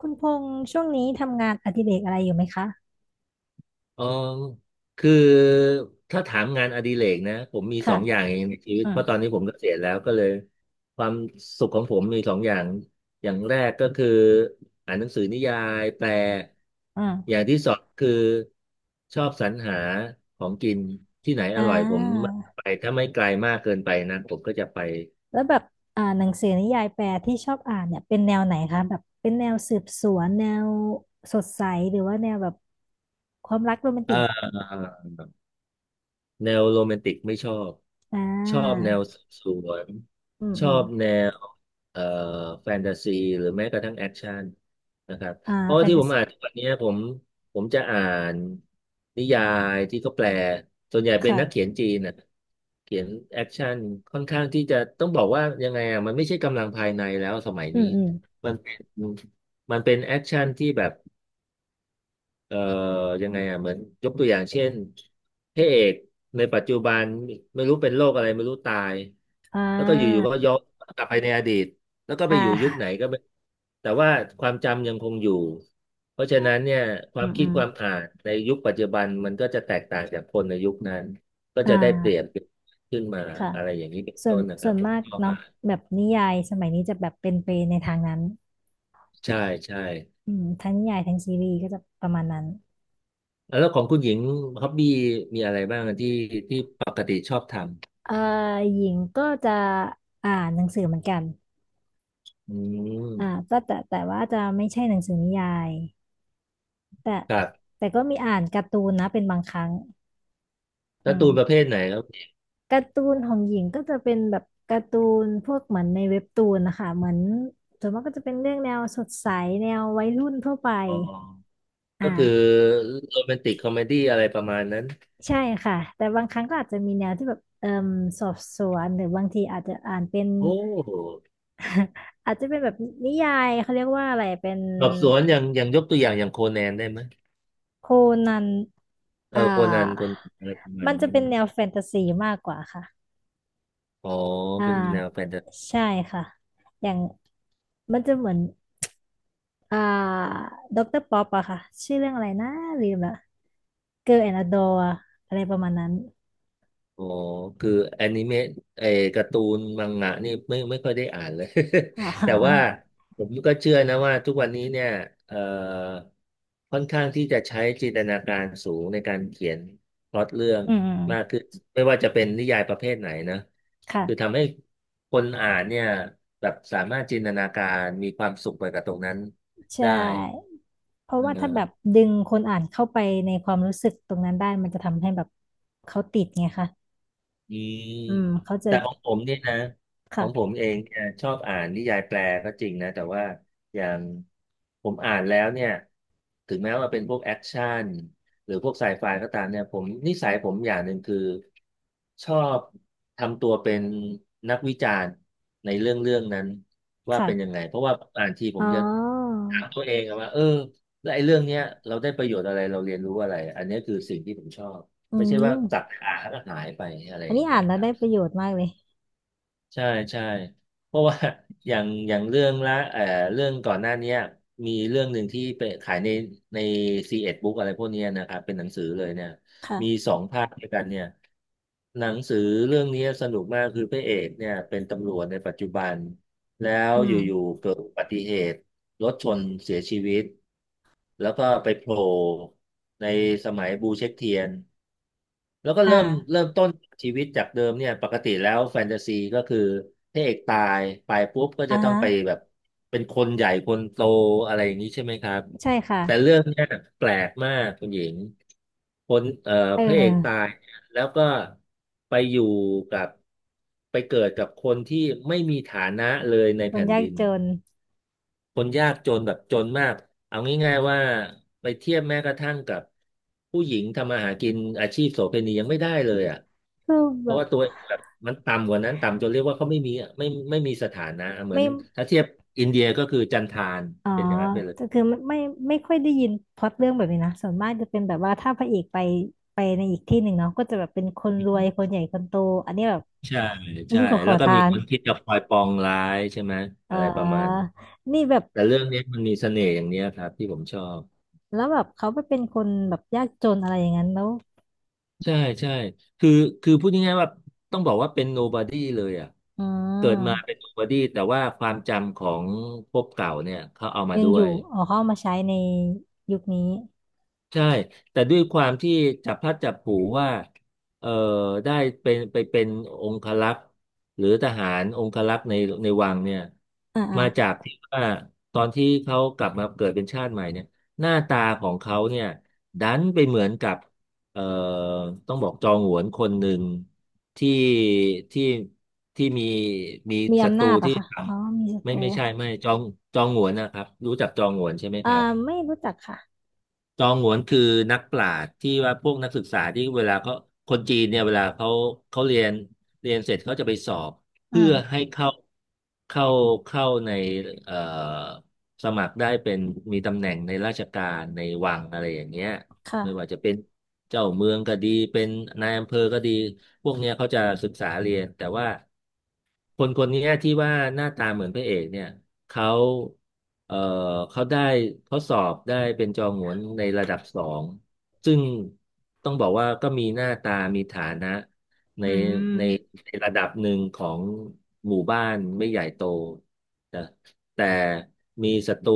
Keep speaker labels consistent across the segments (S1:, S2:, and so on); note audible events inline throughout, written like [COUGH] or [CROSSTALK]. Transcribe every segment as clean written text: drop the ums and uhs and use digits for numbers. S1: คุณพงษ์ช่วงนี้ทำงานอดิเรกอะไรอยู่ไหมคะ
S2: อออคือถ้าถามงานอดิเรกนะผมมีส
S1: ค่ะ
S2: องอย่างเองในชีวิต
S1: อื
S2: เพ
S1: ม
S2: ราะตอนนี้ผมเกษียณแล้วก็เลยความสุขของผมมีสองอย่างอย่างแรกก็คืออ่านหนังสือนิยายแปล
S1: อื
S2: อ
S1: ม
S2: ย่างที่สองคือชอบสรรหาของกินที่ไหน
S1: อ่
S2: อร่อยผม
S1: า
S2: ไปถ้าไม่ไกลมากเกินไปนะผมก็จะไป
S1: แล้วแบบหนังสือนิยายแปลที่ชอบอ่านเนี่ยเป็นแนวไหนคะแบบเป็นแนวสืบสวนแนวสดใสหรือว่าแนวแบบความรักโรแมนติก
S2: เออ แนวโรแมนติกไม่ชอบ
S1: อ่
S2: ชอบ
S1: า
S2: แนวสืบสวน
S1: อืม
S2: ช
S1: อื
S2: อ
S1: ม
S2: บแนวเอ่อแฟนตาซีหรือแม้กระทั่งแอคชั่นนะครับ
S1: อ่า
S2: เพราะ
S1: แฟ
S2: ว่า
S1: น
S2: ที่
S1: ตา
S2: ผม
S1: ซี
S2: อ่านทุกวันนี้ผมจะอ่านนิยายที่เขาแปลส่วนใหญ่เป็นนักเขีย
S1: ค่ะ
S2: นจีนนะเขียนแอคชั่นค่อนข้างที่จะต้องบอกว่ายังไงอ่ะมันไม่ใช่กำลังภายในแล้วสมัย
S1: อื
S2: นี้
S1: มอืม
S2: มันเป็นมันเป็นแอคชั่นที่แบบ เอ่อยังไงอ่ะเหมือนยกตัวอย่างเช่นพระเอกในปัจจุบันไม่รู้เป็นโรคอะไรไม่รู้ตาย
S1: อ่
S2: แล้วก็อยู่ๆ
S1: า
S2: ก็ย้อนกลับไปในอดีตแล้วก็
S1: อ่
S2: ไปอยู่ยุคไหน
S1: า
S2: ก็ไม่แต่ว่าความจำยังคงอยู่เพราะฉะนั้นเนี่ยควา
S1: อื
S2: ม
S1: ม
S2: คิ
S1: อื
S2: ด
S1: ม
S2: ความอ่านในยุคปัจจุบันมันก็จะแตกต่างจากคนในยุคนั้นก็
S1: อ่
S2: จะได้เปรียบ
S1: า
S2: ขึ้นมา
S1: ค่ะ
S2: อะไรอย่างนี้เป็น
S1: ส่ว
S2: ต้
S1: น
S2: นนะค
S1: ส่
S2: รับ
S1: วน
S2: ผม
S1: มาก
S2: ชอบ
S1: เนาะ
S2: อ่าน
S1: แบบนิยายสมัยนี้จะแบบเป็นไปในทางนั้น
S2: ใช่ใช่
S1: อืมทั้งนิยายทั้งซีรีส์ก็จะประมาณนั้น
S2: แล้วของคุณหญิงฮ็อบบี้มีอะไรบ้างที่ที่ปกติชอบท
S1: เอ่อหญิงก็จะอ่านหนังสือเหมือนกัน
S2: ำอืม
S1: อ่าแต่ว่าจะไม่ใช่หนังสือนิยายแต่
S2: ครับ
S1: แต่ก็มีอ่านการ์ตูนนะเป็นบางครั้งอื
S2: การ์ตูนประเภ
S1: ม
S2: ทไหนครับ
S1: การ์ตูนของหญิงก็จะเป็นแบบการ์ตูนพวกเหมือนในเว็บตูนนะคะเหมือนส่วนมากก็จะเป็นเรื่องแนวสดใสแนววัยรุ่นทั่วไป
S2: อ๋อก็คือ
S1: อ่า
S2: โรแมนติกคอมเมดี้อะไรประมาณนั้น
S1: ใช่ค่ะแต่บางครั้งก็อาจจะมีแนวที่แบบเอ่มสอบสวนหรือบางทีอาจจะอ่านเป็น
S2: โอ้
S1: อาจจะเป็นแบบนิยายเขาเรียกว่าอะไรเป็น
S2: สอบสวนอย่างอย่างยกตัวอย่างอย่างโคแนนได้ไหม
S1: โคนัน
S2: เออ
S1: อ่
S2: โคนันคน
S1: า
S2: อะไรประมา
S1: มั
S2: ณ
S1: นจะ
S2: นั้น
S1: เป็นแนวแฟนตาซีมากกว่าค่ะ
S2: อ๋อ
S1: อ่า
S2: เป็นแนวแฟนตา
S1: ใช่ค่ะ อย่างมันจะเหมือน อ่า ด็อกเตอร์ป๊อปอะค่ะ ชื่อเรื่องอะไรนะลืมละเกิร์ลแอนด์ดออะไรประมาณนั้น
S2: อ๋อคือแอนิเมะไอ้การ์ตูนมังงะนี่ไม่ค่อยได้อ่านเลย
S1: อ่า
S2: [LAUGHS] แต่
S1: [LAUGHS]
S2: ว่าผมก็เชื่อนะว่าทุกวันนี้เนี่ยเอ่อค่อนข้างที่จะใช้จินตนาการสูงในการเขียนพล็อตเรื่อง
S1: อืมอืม
S2: มากขึ้นไม่ว่าจะเป็นนิยายประเภทไหนนะคือ
S1: ค่ะ
S2: ทำให้คนอ่านเนี่ยแบบสามารถจินตนาการมีความสุขไปกับตรงนั้น
S1: ใช่
S2: ได้
S1: เพราะว่าถ้าแบบดึงคนอ่านเข้าไปในความรู้สึกตรงนั้นได้มันจะทำให้แบบเขาติดไงคะ
S2: อืม
S1: อืมเขาจะ
S2: แต่ของผมเนี่ยนะของผ
S1: ค่ะ
S2: มเองเนี่ยชอบอ่านนิยายแปลก็จริงนะแต่ว่าอย่างผมอ่านแล้วเนี่ยถึงแม้ว่าเป็นพวกแอคชั่นหรือพวกไซไฟก็ตามเนี่ยผมนิสัยผมอย่างหนึ่งคือชอบทำตัวเป็นนักวิจารณ์ในเรื่องเรื่องนั้นว่าเป็นยัง
S1: ค่ะ
S2: ไงเพราะว่าอ่านทีผ
S1: อ๋อ
S2: มจะถามตัวเองอะว่าเออแล้วไอ้เรื่องเนี้ยเราได้ประโยชน์อะไรเราเรียนรู้อะไรอันเนี้ยคือสิ่งที่ผมชอบ
S1: อื
S2: ไม่ใช่ว่าจัด
S1: ม
S2: หาแล้วก็หายไปอะไร
S1: อั
S2: อ
S1: น
S2: ย่า
S1: นี้
S2: งเงี้
S1: อ่า
S2: ย
S1: นแล้
S2: ค
S1: ว
S2: รั
S1: ได้
S2: บ
S1: ประโยชน์มากเลย
S2: ใช่ใช่เพราะว่า [LAUGHS] อย่างอย่างเรื่องละเรื่องก่อนหน้าเนี้ยมีเรื่องหนึ่งที่ไปขายในในซีเอ็ดบุ๊กอะไรพวกเนี้ยนะครับเป็นหนังสือเลยเนี่ยมี
S1: ค่ะ
S2: สองภาคด้วยกันเนี่ยหนังสือเรื่องนี้สนุกมากคือพระเอกเนี่ยเป็นตำรวจในปัจจุบันแล้ว
S1: อื
S2: อย
S1: ม
S2: ู่ๆเกิดอุบัติเหตุรถชนเสียชีวิตแล้วก็ไปโผล่ในสมัยบูเช็คเทียน แล้วก็
S1: อ
S2: เริ่ม
S1: ่า
S2: เริ่มต้นชีวิตจากเดิมเนี่ยปกติแล้วแฟนตาซีก็คือพระเอกตายไปปุ๊บก็
S1: อ่า
S2: จะต้องไป
S1: ฮะ
S2: แบบเป็นคนใหญ่คนโตอะไรอย่างนี้ใช่ไหมครับ
S1: ใช่ค่ะ
S2: แต่เรื่องเนี้ยแปลกมากคุณหญิงคน
S1: เอ
S2: พระเอกตา
S1: อ
S2: ยเนี่ยแล้วก็ไปอยู่กับไปเกิดกับคนที่ไม่มีฐานะเลยใน
S1: คน
S2: แผ่น
S1: ยาก
S2: ดิน
S1: จน
S2: คนยากจนแบบจนมากเอาง่ายๆว่าไปเทียบแม้กระทั่งกับผู้หญิงทำมาหากินอาชีพโสเภณียังไม่ได้เลยอ่ะ
S1: คือ
S2: เพ
S1: แบ
S2: ราะ
S1: บ
S2: ว่าตัวแบบมันต่ำกว่านั้นต่ำจนเรียกว่าเขาไม่มีอะไม่มีสถานะเหมือ
S1: ไม่
S2: นถ้าเทียบอินเดียก็คือจันทาน
S1: อ๋อ
S2: เป็นอย่างนั้นไปเลย
S1: แต่คือไม่ไม่ค่อยได้ยินพล็อตเรื่องแบบนี้นะส่วนมากจะเป็นแบบว่าถ้าพระเอกไปในอีกที่หนึ่งเนาะก็จะแบบเป็นคนรวยคนใหญ่คนโต อันนี้แบบ
S2: ใช่
S1: ยิ่
S2: ใช่
S1: งกว่าข
S2: แล้
S1: อ
S2: วก็
S1: ทา
S2: มี
S1: น
S2: คนที่จะคอยปองร้ายใช่ไหม
S1: เ
S2: อะไรประมาณ
S1: ออนี่แบบ
S2: แต่เรื่องนี้มันมีเสน่ห์อย่างเนี้ยครับที่ผมชอบ
S1: แล้วแบบเขาไปเป็นคนแบบยากจนอะไรอย่างนั้นแล้ว
S2: ใช่ใช่คือคือพูดง่ายๆว่าต้องบอกว่าเป็น nobody เลยอ่ะ
S1: อื
S2: เกิดมาเป็
S1: ม
S2: น nobody แต่ว่าความจำของภพเก่าเนี่ยเขาเอามา
S1: ยัง
S2: ด้
S1: อ
S2: ว
S1: ยู่
S2: ย
S1: อ๋อเขาเอามาใช้ในยุคนี้
S2: ใช่ แต่ด้วยความที่จับพลัดจับผลูว่าเอ่อได้เป็นไปเป็นองครักษ์หรือทหารองครักษ์ในวังเนี่ย
S1: อ่าอ่า
S2: มาจากที่ว่าตอนที่เขากลับมาเกิดเป็นชาติใหม่เนี่ยหน้าตาของเขาเนี่ยดันไปเหมือนกับเอ่อต้องบอกจองหวนคนหนึ่งที่ที่ที่มี
S1: มี
S2: ศัต
S1: อำ
S2: รู
S1: นาจเหรอ
S2: ที่
S1: คะ
S2: ท
S1: อ๋อมีศั
S2: ำ
S1: ต
S2: ไม่
S1: รู
S2: ไม่ใช่ไม่จองจองหวนนะครับรู้จักจองหวนใช่ไหม
S1: อ่า
S2: ครับ
S1: ไม่รู้จักค่ะ
S2: จองหวนคือนักปราชญ์ที่ว่าพวกนักศึกษาที่เวลาเขาคนจีนเนี่ยเวลาเขาเขาเรียนเรียนเสร็จเขาจะไปสอบ
S1: อื
S2: เพื่อ
S1: ม
S2: ให้เข้าเข้าในเอ่อสมัครได้เป็นมีตำแหน่งในราชการในวังอะไรอย่างเงี้ย
S1: ค่ะ
S2: ไม่ว่าจะเป็นเจ้าเมืองก็ดีเป็นนายอำเภอก็ดีพวกเนี้ยเขาจะศึกษาเรียนแต่ว่าคนคนเนี้ยที่ว่าหน้าตาเหมือนพระเอกเนี่ย เขาเอ่อเขาได้เขาสอบได้เป็นจอหงวนในระดับสองซึ่งต้องบอกว่าก็มีหน้าตามีฐานะใน
S1: อื
S2: ใน
S1: ม
S2: ในระดับหนึ่งของหมู่บ้านไม่ใหญ่โตนะแต่มีศัตรู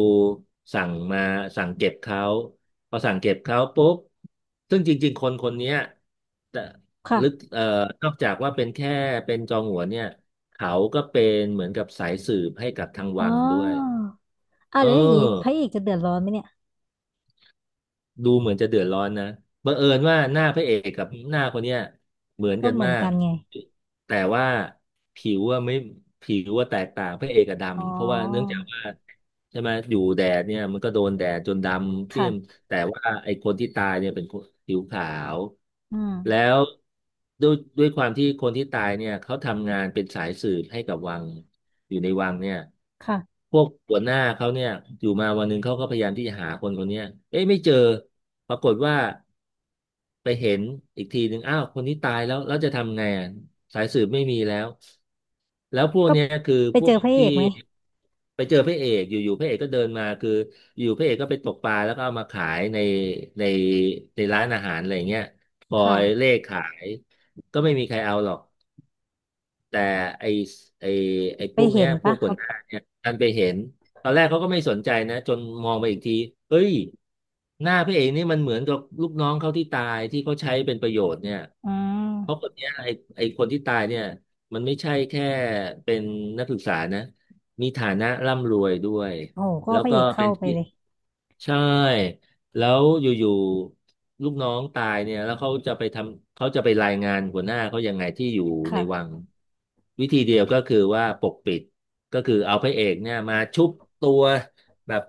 S2: สั่งมาสั่งเก็บเขาพอสั่งเก็บเขาปุ๊บซึ่งจริงๆคนคนเนี้ย ลึก
S1: ค่ะ
S2: นอกจากว่าเป็นแค่เป็นจองหัวนเนี่ยเขาก็เป็นเหมือนกับสายสืบให้กับทาง
S1: อ๋
S2: วั
S1: อ
S2: งด้วย
S1: อ่า
S2: เอ
S1: แล้วอย่างนี้พระเอ
S2: อ
S1: กจะเดือดร้อนไหมเนี่ย
S2: ดูเหมือนจะเดือดร้อนนะบังเอิญว่าหน้าพระเอกกับหน้าคนเนี้ยเหมือน
S1: ก็
S2: กัน
S1: เหมือ
S2: มา
S1: น
S2: ก
S1: กันไง
S2: แต่ว่าผิวว่าไม่ผิวว่าแตกต่างพระเอกกับ
S1: อ๋อ
S2: ดำเพราะว่าเนื่องจากว่าใช่ไหมอยู่แดดเนี่ยมันก็โดนแดดจนดำเพี้ยม
S1: ค่ะ
S2: แต่ว่าไอ้คนที่ตายเนี่ยเป็นคนผิวขาว
S1: อืม
S2: แล้วด้วยความที่คนที่ตายเนี่ยเขาทำงานเป็นสายสืบให้กับวังอยู่ในวังเนี่ย
S1: ค่ะ
S2: พวกหัวหน้าเขาเนี่ยอยู่มาวันหนึ่งเขาก็พยายามที่จะหาคนคนเนี้ยเอ๊ะไม่เจอปรากฏว่าไปเห็นอีกทีหนึ่งอ้าวคนนี้ตายแล้วแล้วจะทำไงอ่ะสายสืบไม่มีแล้วแล้วพวก
S1: ก็
S2: เนี้ยคือ
S1: ไป
S2: พ
S1: เจ
S2: ว
S1: อ
S2: ก
S1: พระเอ
S2: ที่
S1: กไหม
S2: ไปเจอพระเอกอยู่ๆพระเอกก็เดินมาคืออยู่พระเอกก็ไปตกปลาแล้วก็เอามาขายในในร้านอาหารอะไรเงี้ยคอยเล่
S1: ค่ะ
S2: ขายก็ไม่มีใครเอาหรอก แต่ไอไอไอ
S1: ไป
S2: พวก
S1: เห็
S2: เนี้ย
S1: น
S2: พว
S1: ปะ
S2: ก
S1: ค
S2: หั
S1: รั
S2: ว
S1: บ
S2: หน้าเนี่ยดันไปเห็นตอนแรกเขาก็ไม่สนใจนะจนมองไปอีกทีเฮ้ยหน้าพระเอกนี่มันเหมือนกับลูกน้องเขาที่ตายที่เขาใช้เป็นประโยชน์เนี่ย
S1: อื
S2: เพราะ
S1: ม
S2: คนเนี้ยไอคนที่ตายเนี่ยมันไม่ใช่แค่เป็นนักศึกษานะมีฐานะร่ำรวยด้วย
S1: โอ้โหก็
S2: แล้
S1: เอา
S2: ว
S1: พระ
S2: ก็
S1: เอก
S2: เป็
S1: เข้า
S2: น
S1: ไป
S2: ที่
S1: เลย
S2: ใช่ แล้วอยู่ๆลูกน้องตายเนี่ยแล้วเขาจะไปทำเขาจะไปรายงานหัวหน้าเขายังไงที่อยู่ในวั
S1: ค่ะ
S2: งวิธีเดียวก็คือว่าปกปิดก็คือเอาพระเอกเนี่ยมาชุบตัวแบบ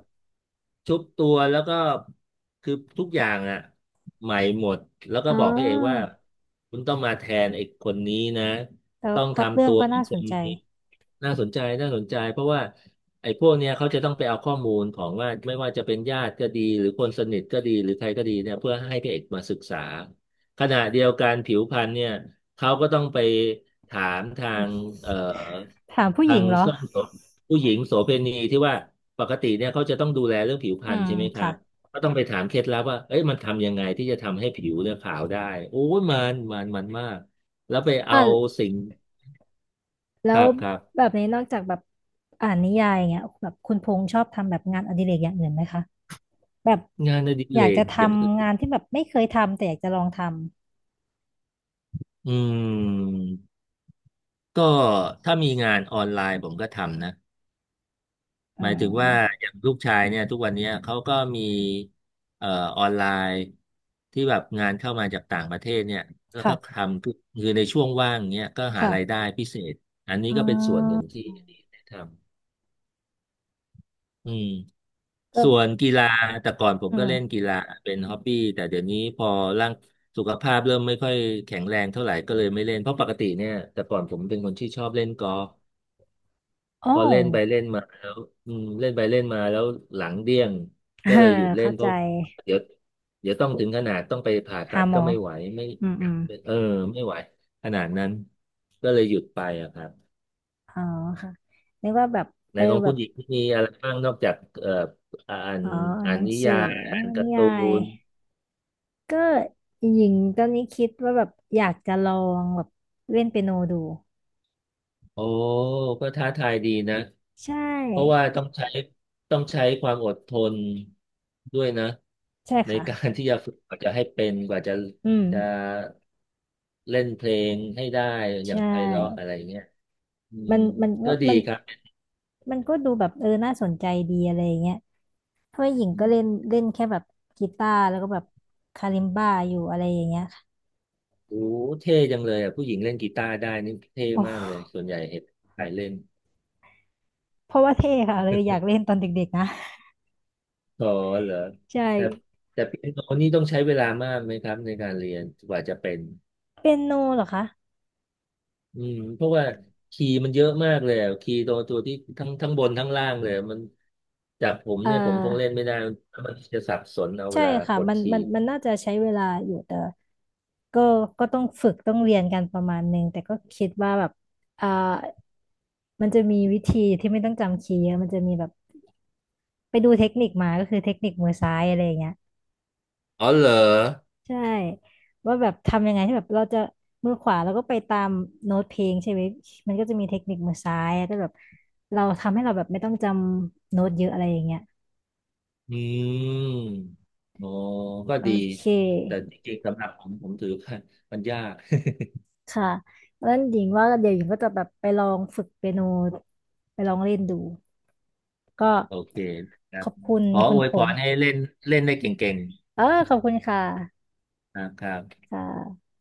S2: ชุบตัวแล้วก็คือทุกอย่างอ่ะใหม่หมดแล้วก็
S1: อ๋อ
S2: บอกพระเอกว่าคุณต้องมาแทนไอ้คนนี้นะ
S1: แต่
S2: ต้
S1: ว่า
S2: อง
S1: พล็อตเรื่
S2: ทำ
S1: อ
S2: ตั
S1: ง
S2: ว
S1: ก็
S2: เหมือ
S1: น่า
S2: นค
S1: สน
S2: น
S1: ใจ
S2: นี้น่าสนใจน่าสนใจเพราะว่า ไอ้พวกเนี้ยเขาจะต้องไปเอาข้อมูลของว่าไม่ว่าจะเป็นญาติก็ดีหรือคนสนิทก็ดีหรือใครก็ดีเนี่ยเพื่อให้พระเอกมาศึกษาขณะเดียวกันผิวพรรณเนี่ยเขาก็ต้องไปถามทางเอ่อ
S1: ถามผู้ห
S2: ทา
S1: ญิง
S2: ง
S1: เหรอ
S2: ส้มโสผู้หญิงโสเภณีที่ว่าปกติเนี่ยเขาจะต้องดูแลเรื่องผิวพ
S1: อื
S2: รรณ
S1: ม
S2: ใช่ไหมครับ
S1: ค่ะ
S2: ก็ต้องไปถามเคล็ดลับว่าเอ้ยมันทำยังไงที่จะทำให้ผิวเนี่ยขาวได้โอ้ยมันมากแล้วไปเอา
S1: อ่า
S2: สิ่ง
S1: แล้
S2: ค
S1: ว
S2: รับครั
S1: แบ
S2: บ
S1: บนี้นอกจากแบบอ่านนิยายอย่างเงี้ยแบบคุณพงษ์ชอบทำแบบงานอดิเรกอย่างอื่นไหมคะแบบ
S2: งานอดิ
S1: อ
S2: เร
S1: ยากจะ
S2: ก
S1: ท
S2: อย่างอื่
S1: ำ
S2: น
S1: งานที่แบบไม่เคยทำแต่อยากจะลองทำ
S2: อืม ก็ถ้ามีงานออนไลน์ผมก็ทำนะห
S1: อื
S2: มายถึงว่า
S1: ม
S2: อย่างลูกชายเนี่ยทุกวันเนี้ยเขาก็มีเอ่อออนไลน์ที่แบบงานเข้ามาจากต่างประเทศเนี่ยแล้วก็ท
S1: ค่ะ
S2: ำคือคือในช่วงว่างเนี่ยก็หารายได้
S1: ค่ะ
S2: พิเศษอันนี้
S1: อ่
S2: ก็เป็นส่วนหนึ่
S1: า
S2: งที่ที่ได้ทำอืม
S1: ก็
S2: ส่วนกีฬาแต่ก่อนผม
S1: อื
S2: ก็
S1: ม
S2: เล่นกีฬาเป็นฮ็อบบี้แต่เดี๋ยวนี้พอร่างสุขภาพเริ่มไม่ค่อยแข็งแรงเท่าไหร่ก็เลยไม่เล่นเพราะปกติเนี่ยแต่ก่อนผมเป็นคนที่ชอบเล่นกอล์ฟ
S1: อ๋อ
S2: พอเล่นไปเล่นมาแล้วอืมเล่นไปเล่นมาแล้วหลังเดี้ยง
S1: เออ
S2: ก็เลยหยุด
S1: [LAUGHS]
S2: เล่น
S1: เข้า
S2: เพ
S1: ใจ
S2: ราะเดี๋ยวเดี๋ยวต้องถึงขนาดต้องไปผ่าตั
S1: หา
S2: ด
S1: หม
S2: ก็
S1: อ
S2: ไม่ไหวไม่
S1: อืมอืม
S2: เออไม่ไหวขนาดนั้นก็เลยหยุดไปอะครับ
S1: อ๋อค่ะนึกว่าแบบ
S2: ใน
S1: เออ
S2: ของ
S1: แบ
S2: คุ
S1: บ
S2: ณหญิงมีอะไรบ้างนอกจากอ่าน
S1: อ๋ออ่าน
S2: อ่า
S1: ห
S2: น
S1: นัง
S2: นิ
S1: สือ
S2: ยายอ่านกา
S1: นิ
S2: ร์ตู
S1: ยาย
S2: น
S1: ก็หญิงตอนนี้คิดว่าแบบอยากจะลองแบบเล่นเปียโนดู
S2: โอ้ก็ท้าทายดีนะ
S1: ใช
S2: เพราะ
S1: ่
S2: ว่าต้องใช้ความอดทนด้วยนะ
S1: ใช่
S2: ใน
S1: ค่ะ
S2: การที่จะฝึกกว่าจะให้เป็นกว่าจะ
S1: อื
S2: จะ
S1: ม
S2: เล่นเพลงให้ได้อ
S1: ใช
S2: ย่างไพเราะอะไร
S1: ่
S2: เงี้ยอืม
S1: มันมันก็
S2: ก็ดี
S1: มัน
S2: ครับ
S1: มันก็ดูแบบเออ น่าสนใจดีอะไรอย่างเงี้ยเพราะว่าหญิง
S2: อื
S1: ก็เล่น
S2: ม
S1: เล่นแค่แบบกีตาร์แล้วก็แบบคาลิมบ้าอยู่อะไรอย่างเงี้ยค่ะ
S2: โอ้เท่จังเลยอ่ะผู้หญิงเล่นกีตาร์ได้นี่เท่
S1: โอ
S2: มากเลย
S1: ้
S2: ส่วนใหญ่เห็นใครเล่น
S1: เพราะว่าเท่ค่ะเลยอยากเล่นตอนเด็กๆนะ
S2: อ๋อเหรอ
S1: ใช่
S2: แต่แต่เปียโนนี่ต้องใช้เวลามากไหมครับในการเรียนกว่าจะเป็น
S1: เปียโนเหรอคะ
S2: อืมเพราะว่าคีย์มันเยอะมากเลยอะคีย์ตัวที่ทั้งบนทั้งล่างเลยอะมันจากผม
S1: เอ
S2: เนี่ยผมคงเล่
S1: อ
S2: นไม่ได้มันจะสับสนเอาเว
S1: ใช่
S2: ลา
S1: ค่ะ
S2: กด
S1: มัน
S2: คี
S1: มัน
S2: ย์
S1: มันน่าจะใช้เวลาอยู่แต่ก็ก็ต้องฝึกต้องเรียนกันประมาณหนึ่ง แต่ก็คิดว่าแบบเออมันจะมีวิธีที่ไม่ต้องจำคีย์เยอะมันจะมีแบบ ไปดูเทคนิคมาก็คือเทคนิคมือซ้ายอะไรอย่างเงี้ย
S2: อ๋อเหรอ
S1: ใช่ว่าแบบทำยังไงที่แบบเราจะมือขวาเราก็ไปตามโน้ตเพลงใช่ไหมมันก็จะมีเทคนิคมือซ้ายแต่แบบเราทำให้เราแบบไม่ต้องจำโน้ตเยอะอะไรอย่างเงี้ย
S2: อืมอ๋อก็
S1: โอ
S2: ดี
S1: เค
S2: แต่จริงๆสำหรับผมผมถือว่ามันยาก
S1: ค่ะแล้วหญิงว่าเดี๋ยวหญิงก็จะแบบไปลองฝึกเปียโนไปลองเล่นดูก็
S2: โอเคครั
S1: ข
S2: บ
S1: อบคุณ
S2: ขอ
S1: คุ
S2: อ
S1: ณ
S2: ว
S1: พ
S2: ยพ
S1: งษ์
S2: รให้เล่นเล่นได้เก่ง
S1: เออขอบคุณค่ะ
S2: ๆนะครับ
S1: ค่ะ